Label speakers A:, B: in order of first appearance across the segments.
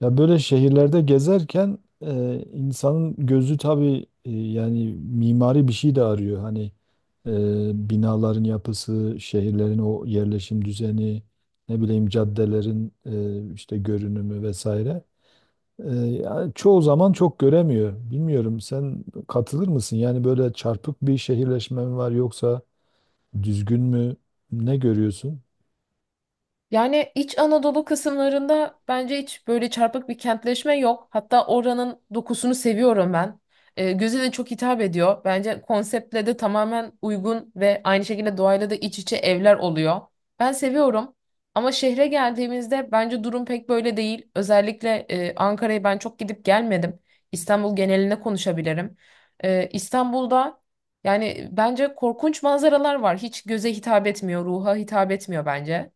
A: Ya böyle şehirlerde gezerken insanın gözü tabii yani mimari bir şey de arıyor. Hani binaların yapısı, şehirlerin o yerleşim düzeni, ne bileyim caddelerin işte görünümü vesaire. Yani çoğu zaman çok göremiyor. Bilmiyorum sen katılır mısın? Yani böyle çarpık bir şehirleşme mi var yoksa düzgün mü? Ne görüyorsun?
B: Yani İç Anadolu kısımlarında bence hiç böyle çarpık bir kentleşme yok. Hatta oranın dokusunu seviyorum ben. Göze de çok hitap ediyor. Bence konseptle de tamamen uygun ve aynı şekilde doğayla da iç içe evler oluyor. Ben seviyorum. Ama şehre geldiğimizde bence durum pek böyle değil. Özellikle Ankara'ya ben çok gidip gelmedim. İstanbul genelinde konuşabilirim. İstanbul'da yani bence korkunç manzaralar var. Hiç göze hitap etmiyor, ruha hitap etmiyor bence.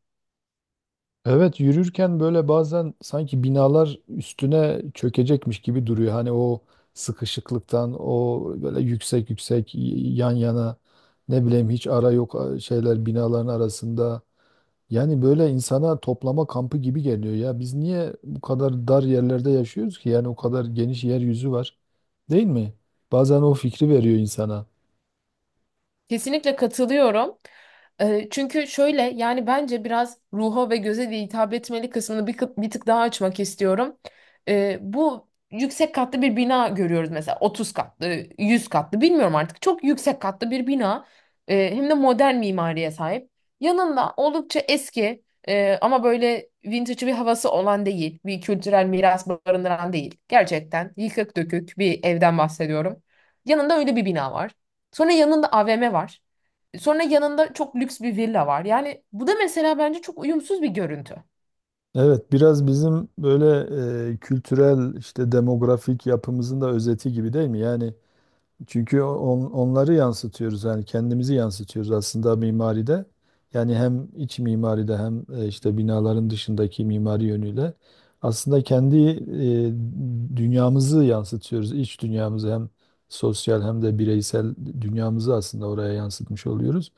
A: Evet, yürürken böyle bazen sanki binalar üstüne çökecekmiş gibi duruyor. Hani o sıkışıklıktan, o böyle yüksek yüksek yan yana ne bileyim hiç ara yok şeyler binaların arasında. Yani böyle insana toplama kampı gibi geliyor ya. Biz niye bu kadar dar yerlerde yaşıyoruz ki? Yani o kadar geniş yeryüzü var. Değil mi? Bazen o fikri veriyor insana.
B: Kesinlikle katılıyorum. Çünkü şöyle yani bence biraz ruha ve göze de hitap etmeli kısmını bir tık daha açmak istiyorum. Bu yüksek katlı bir bina görüyoruz mesela 30 katlı, 100 katlı bilmiyorum artık. Çok yüksek katlı bir bina. Hem de modern mimariye sahip. Yanında oldukça eski ama böyle vintage bir havası olan değil, bir kültürel miras barındıran değil. Gerçekten yıkık dökük bir evden bahsediyorum. Yanında öyle bir bina var. Sonra yanında AVM var. Sonra yanında çok lüks bir villa var. Yani bu da mesela bence çok uyumsuz bir görüntü.
A: Evet, biraz bizim böyle kültürel işte demografik yapımızın da özeti gibi değil mi? Yani çünkü onları yansıtıyoruz, yani kendimizi yansıtıyoruz aslında mimaride. Yani hem iç mimaride hem işte binaların dışındaki mimari yönüyle aslında kendi dünyamızı yansıtıyoruz. İç dünyamızı hem sosyal hem de bireysel dünyamızı aslında oraya yansıtmış oluyoruz.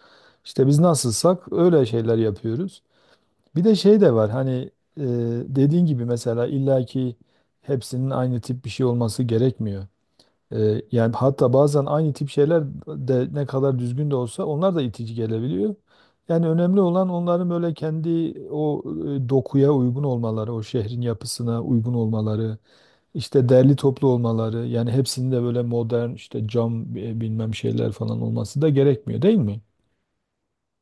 A: İşte biz nasılsak öyle şeyler yapıyoruz. Bir de şey de var hani e, dediğin gibi mesela illaki hepsinin aynı tip bir şey olması gerekmiyor. Yani hatta bazen aynı tip şeyler de ne kadar düzgün de olsa onlar da itici gelebiliyor. Yani önemli olan onların böyle kendi o dokuya uygun olmaları, o şehrin yapısına uygun olmaları, işte derli toplu olmaları. Yani hepsinin de böyle modern işte cam bilmem şeyler falan olması da gerekmiyor, değil mi?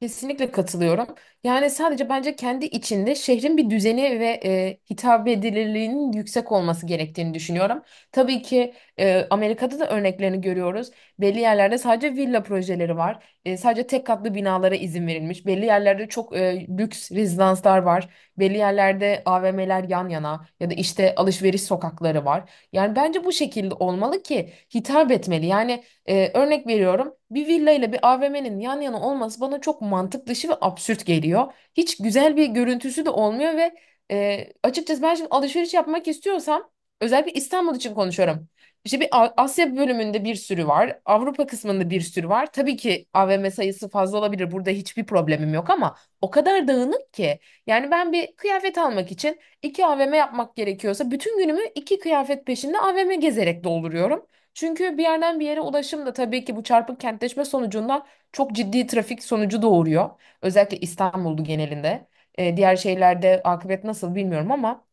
B: Kesinlikle katılıyorum. Yani sadece bence kendi içinde şehrin bir düzeni ve hitap edilirliğinin yüksek olması gerektiğini düşünüyorum. Tabii ki Amerika'da da örneklerini görüyoruz. Belli yerlerde sadece villa projeleri var. Sadece tek katlı binalara izin verilmiş. Belli yerlerde çok lüks rezidanslar var. Belli yerlerde AVM'ler yan yana ya da işte alışveriş sokakları var. Yani bence bu şekilde olmalı ki hitap etmeli. Yani örnek veriyorum, bir villa ile bir AVM'nin yan yana olması bana çok mantık dışı ve absürt geliyor. Hiç güzel bir görüntüsü de olmuyor ve açıkçası ben şimdi alışveriş yapmak istiyorsam, özellikle İstanbul için konuşuyorum. İşte bir Asya bölümünde bir sürü var. Avrupa kısmında bir sürü var. Tabii ki AVM sayısı fazla olabilir. Burada hiçbir problemim yok ama o kadar dağınık ki. Yani ben bir kıyafet almak için iki AVM yapmak gerekiyorsa bütün günümü iki kıyafet peşinde AVM gezerek dolduruyorum. Çünkü bir yerden bir yere ulaşım da tabii ki bu çarpık kentleşme sonucunda çok ciddi trafik sonucu doğuruyor. Özellikle İstanbul'du genelinde. Diğer şehirlerde akıbet nasıl bilmiyorum ama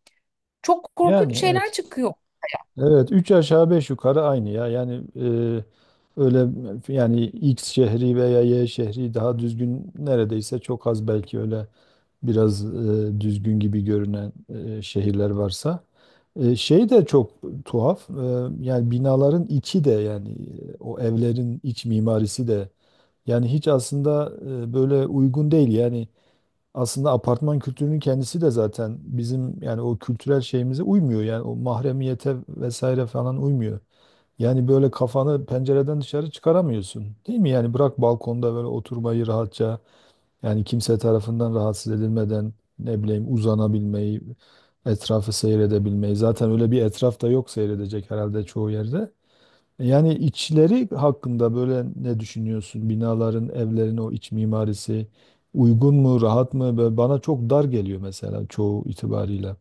B: çok korkunç
A: Yani
B: şeyler
A: evet.
B: çıkıyor.
A: Evet, 3 aşağı 5 yukarı aynı ya. Yani öyle, yani X şehri veya Y şehri daha düzgün neredeyse, çok az belki öyle biraz düzgün gibi görünen şehirler varsa. Şey de çok tuhaf. Yani binaların içi de, yani o evlerin iç mimarisi de yani hiç aslında böyle uygun değil. Yani aslında apartman kültürünün kendisi de zaten bizim, yani o kültürel şeyimize uymuyor. Yani o mahremiyete vesaire falan uymuyor. Yani böyle kafanı pencereden dışarı çıkaramıyorsun. Değil mi? Yani bırak balkonda böyle oturmayı rahatça, yani kimse tarafından rahatsız edilmeden ne bileyim uzanabilmeyi, etrafı seyredebilmeyi. Zaten öyle bir etraf da yok seyredecek herhalde çoğu yerde. Yani içleri hakkında böyle ne düşünüyorsun? Binaların, evlerin o iç mimarisi uygun mu, rahat mı? Böyle bana çok dar geliyor mesela çoğu itibariyle.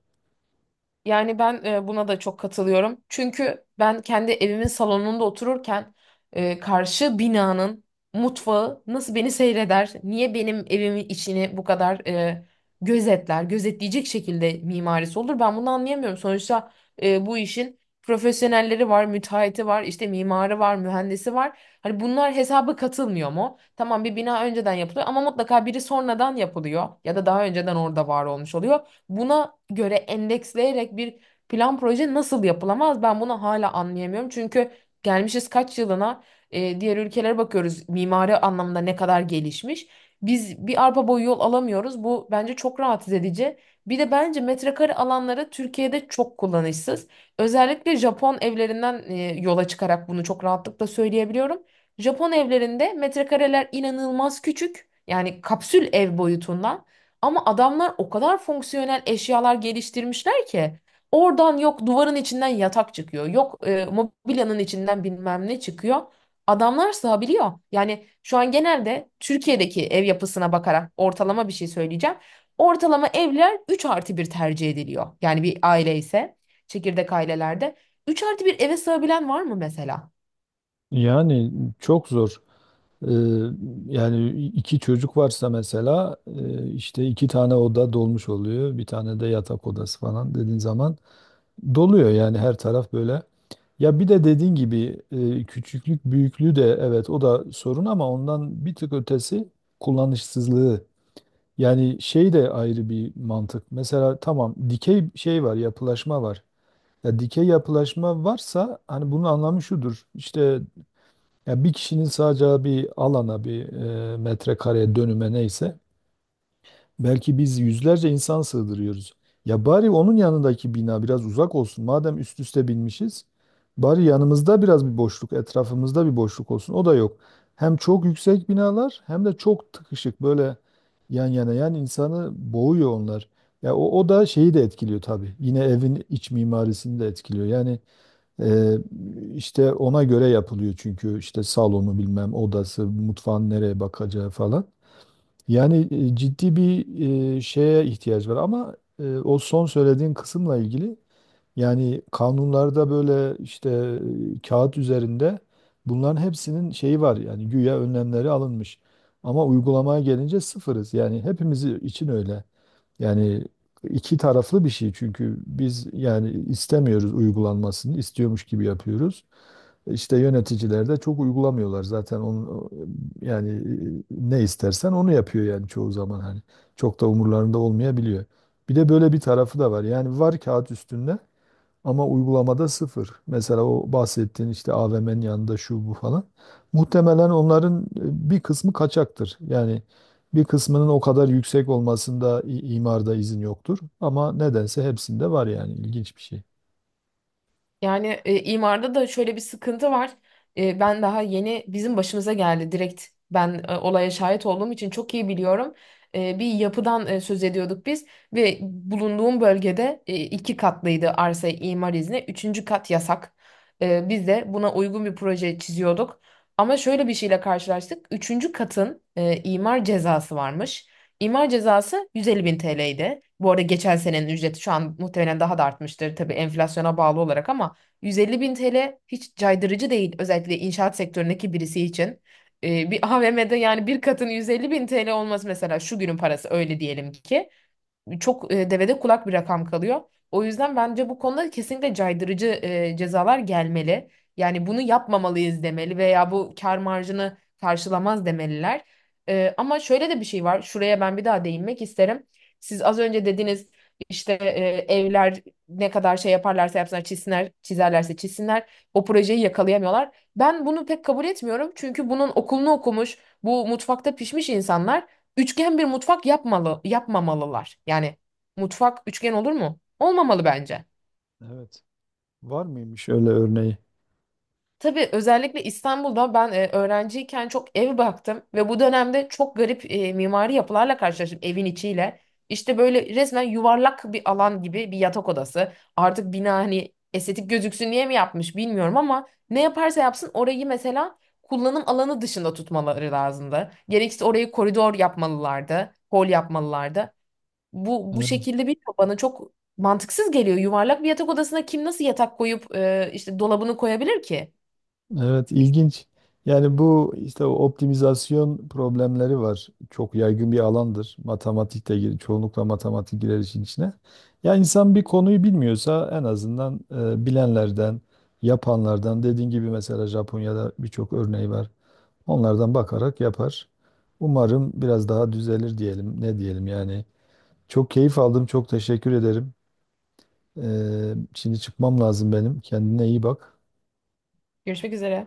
B: Yani ben buna da çok katılıyorum. Çünkü ben kendi evimin salonunda otururken karşı binanın mutfağı nasıl beni seyreder, niye benim evimin içini bu kadar gözetler, gözetleyecek şekilde mimarisi olur, ben bunu anlayamıyorum. Sonuçta bu işin profesyonelleri var, müteahhiti var, işte mimarı var, mühendisi var. Hani bunlar hesaba katılmıyor mu? Tamam, bir bina önceden yapılıyor ama mutlaka biri sonradan yapılıyor ya da daha önceden orada var olmuş oluyor. Buna göre endeksleyerek bir plan proje nasıl yapılamaz? Ben bunu hala anlayamıyorum. Çünkü gelmişiz kaç yılına, diğer ülkelere bakıyoruz mimari anlamda ne kadar gelişmiş. Biz bir arpa boyu yol alamıyoruz. Bu bence çok rahatsız edici. Bir de bence metrekare alanları Türkiye'de çok kullanışsız. Özellikle Japon evlerinden yola çıkarak bunu çok rahatlıkla söyleyebiliyorum. Japon evlerinde metrekareler inanılmaz küçük. Yani kapsül ev boyutunda. Ama adamlar o kadar fonksiyonel eşyalar geliştirmişler ki oradan, yok duvarın içinden yatak çıkıyor, yok mobilyanın içinden bilmem ne çıkıyor. Adamlar sığabiliyor. Yani şu an genelde Türkiye'deki ev yapısına bakarak ortalama bir şey söyleyeceğim. Ortalama evler 3 artı bir tercih ediliyor. Yani bir aile ise, çekirdek ailelerde 3 artı bir eve sığabilen var mı mesela?
A: Yani çok zor. Ee, Yani iki çocuk varsa mesela işte iki tane oda dolmuş oluyor. Bir tane de yatak odası falan dediğin zaman doluyor yani her taraf böyle. Ya bir de dediğin gibi küçüklük büyüklüğü de evet o da sorun ama ondan bir tık ötesi kullanışsızlığı. Yani şey de ayrı bir mantık. Mesela tamam, dikey şey var, yapılaşma var. Ya dikey yapılaşma varsa hani bunun anlamı şudur. İşte ya bir kişinin sadece bir alana, bir metrekareye, dönüme neyse belki biz yüzlerce insan sığdırıyoruz. Ya bari onun yanındaki bina biraz uzak olsun. Madem üst üste binmişiz, bari yanımızda biraz bir boşluk, etrafımızda bir boşluk olsun. O da yok. Hem çok yüksek binalar hem de çok tıkışık böyle yan yana yan, insanı boğuyor onlar. Ya o, o da şeyi de etkiliyor tabii. Yine evin iç mimarisini de etkiliyor. Yani e, işte ona göre yapılıyor çünkü işte salonu bilmem odası, mutfağın nereye bakacağı falan. Yani ciddi bir şeye ihtiyaç var ama o son söylediğin kısımla ilgili yani kanunlarda böyle işte kağıt üzerinde bunların hepsinin şeyi var, yani güya önlemleri alınmış. Ama uygulamaya gelince sıfırız. Yani hepimiz için öyle. Yani iki taraflı bir şey çünkü biz yani istemiyoruz uygulanmasını, istiyormuş gibi yapıyoruz. İşte yöneticiler de çok uygulamıyorlar zaten onu, yani ne istersen onu yapıyor yani çoğu zaman hani çok da umurlarında olmayabiliyor. Bir de böyle bir tarafı da var. Yani var kağıt üstünde ama uygulamada sıfır. Mesela o bahsettiğin işte AVM'nin yanında şu bu falan. Muhtemelen onların bir kısmı kaçaktır. Yani bir kısmının o kadar yüksek olmasında imarda izin yoktur. Ama nedense hepsinde var yani, ilginç bir şey.
B: Yani imarda da şöyle bir sıkıntı var. Ben daha yeni, bizim başımıza geldi direkt. Ben olaya şahit olduğum için çok iyi biliyorum. Bir yapıdan söz ediyorduk biz ve bulunduğum bölgede iki katlıydı arsa imar izni. Üçüncü kat yasak. Biz de buna uygun bir proje çiziyorduk. Ama şöyle bir şeyle karşılaştık. Üçüncü katın imar cezası varmış. İmar cezası 150 bin TL'ydi. Bu arada geçen senenin ücreti, şu an muhtemelen daha da artmıştır tabii enflasyona bağlı olarak, ama 150 bin TL hiç caydırıcı değil, özellikle inşaat sektöründeki birisi için. Bir AVM'de yani bir katın 150 bin TL olması, mesela şu günün parası öyle diyelim ki, çok devede kulak bir rakam kalıyor. O yüzden bence bu konuda kesinlikle caydırıcı cezalar gelmeli. Yani bunu yapmamalıyız demeli veya bu kar marjını karşılamaz demeliler. Ama şöyle de bir şey var. Şuraya ben bir daha değinmek isterim. Siz az önce dediniz, işte evler ne kadar şey yaparlarsa yapsınlar, çizsinler, çizerlerse çizsinler o projeyi yakalayamıyorlar. Ben bunu pek kabul etmiyorum. Çünkü bunun okulunu okumuş, bu mutfakta pişmiş insanlar üçgen bir mutfak yapmalı, yapmamalılar. Yani mutfak üçgen olur mu? Olmamalı bence.
A: Evet. Var mıymış öyle örneği?
B: Tabii, özellikle İstanbul'da ben öğrenciyken çok ev baktım ve bu dönemde çok garip mimari yapılarla karşılaştım evin içiyle. İşte böyle resmen yuvarlak bir alan gibi bir yatak odası. Artık bina hani estetik gözüksün diye mi yapmış bilmiyorum ama ne yaparsa yapsın, orayı mesela kullanım alanı dışında tutmaları lazımdı. Gerekirse orayı koridor yapmalılardı, hol yapmalılardı. Bu şekilde bir, bana çok mantıksız geliyor. Yuvarlak bir yatak odasına kim nasıl yatak koyup işte dolabını koyabilir ki?
A: Evet, ilginç. Yani bu işte o optimizasyon problemleri var. Çok yaygın bir alandır. Matematik de çoğunlukla matematik girer işin içine. Ya insan bir konuyu bilmiyorsa en azından bilenlerden, yapanlardan, dediğin gibi mesela Japonya'da birçok örneği var. Onlardan bakarak yapar. Umarım biraz daha düzelir diyelim. Ne diyelim yani. Çok keyif aldım. Çok teşekkür ederim. Şimdi çıkmam lazım benim. Kendine iyi bak.
B: Görüşmek üzere.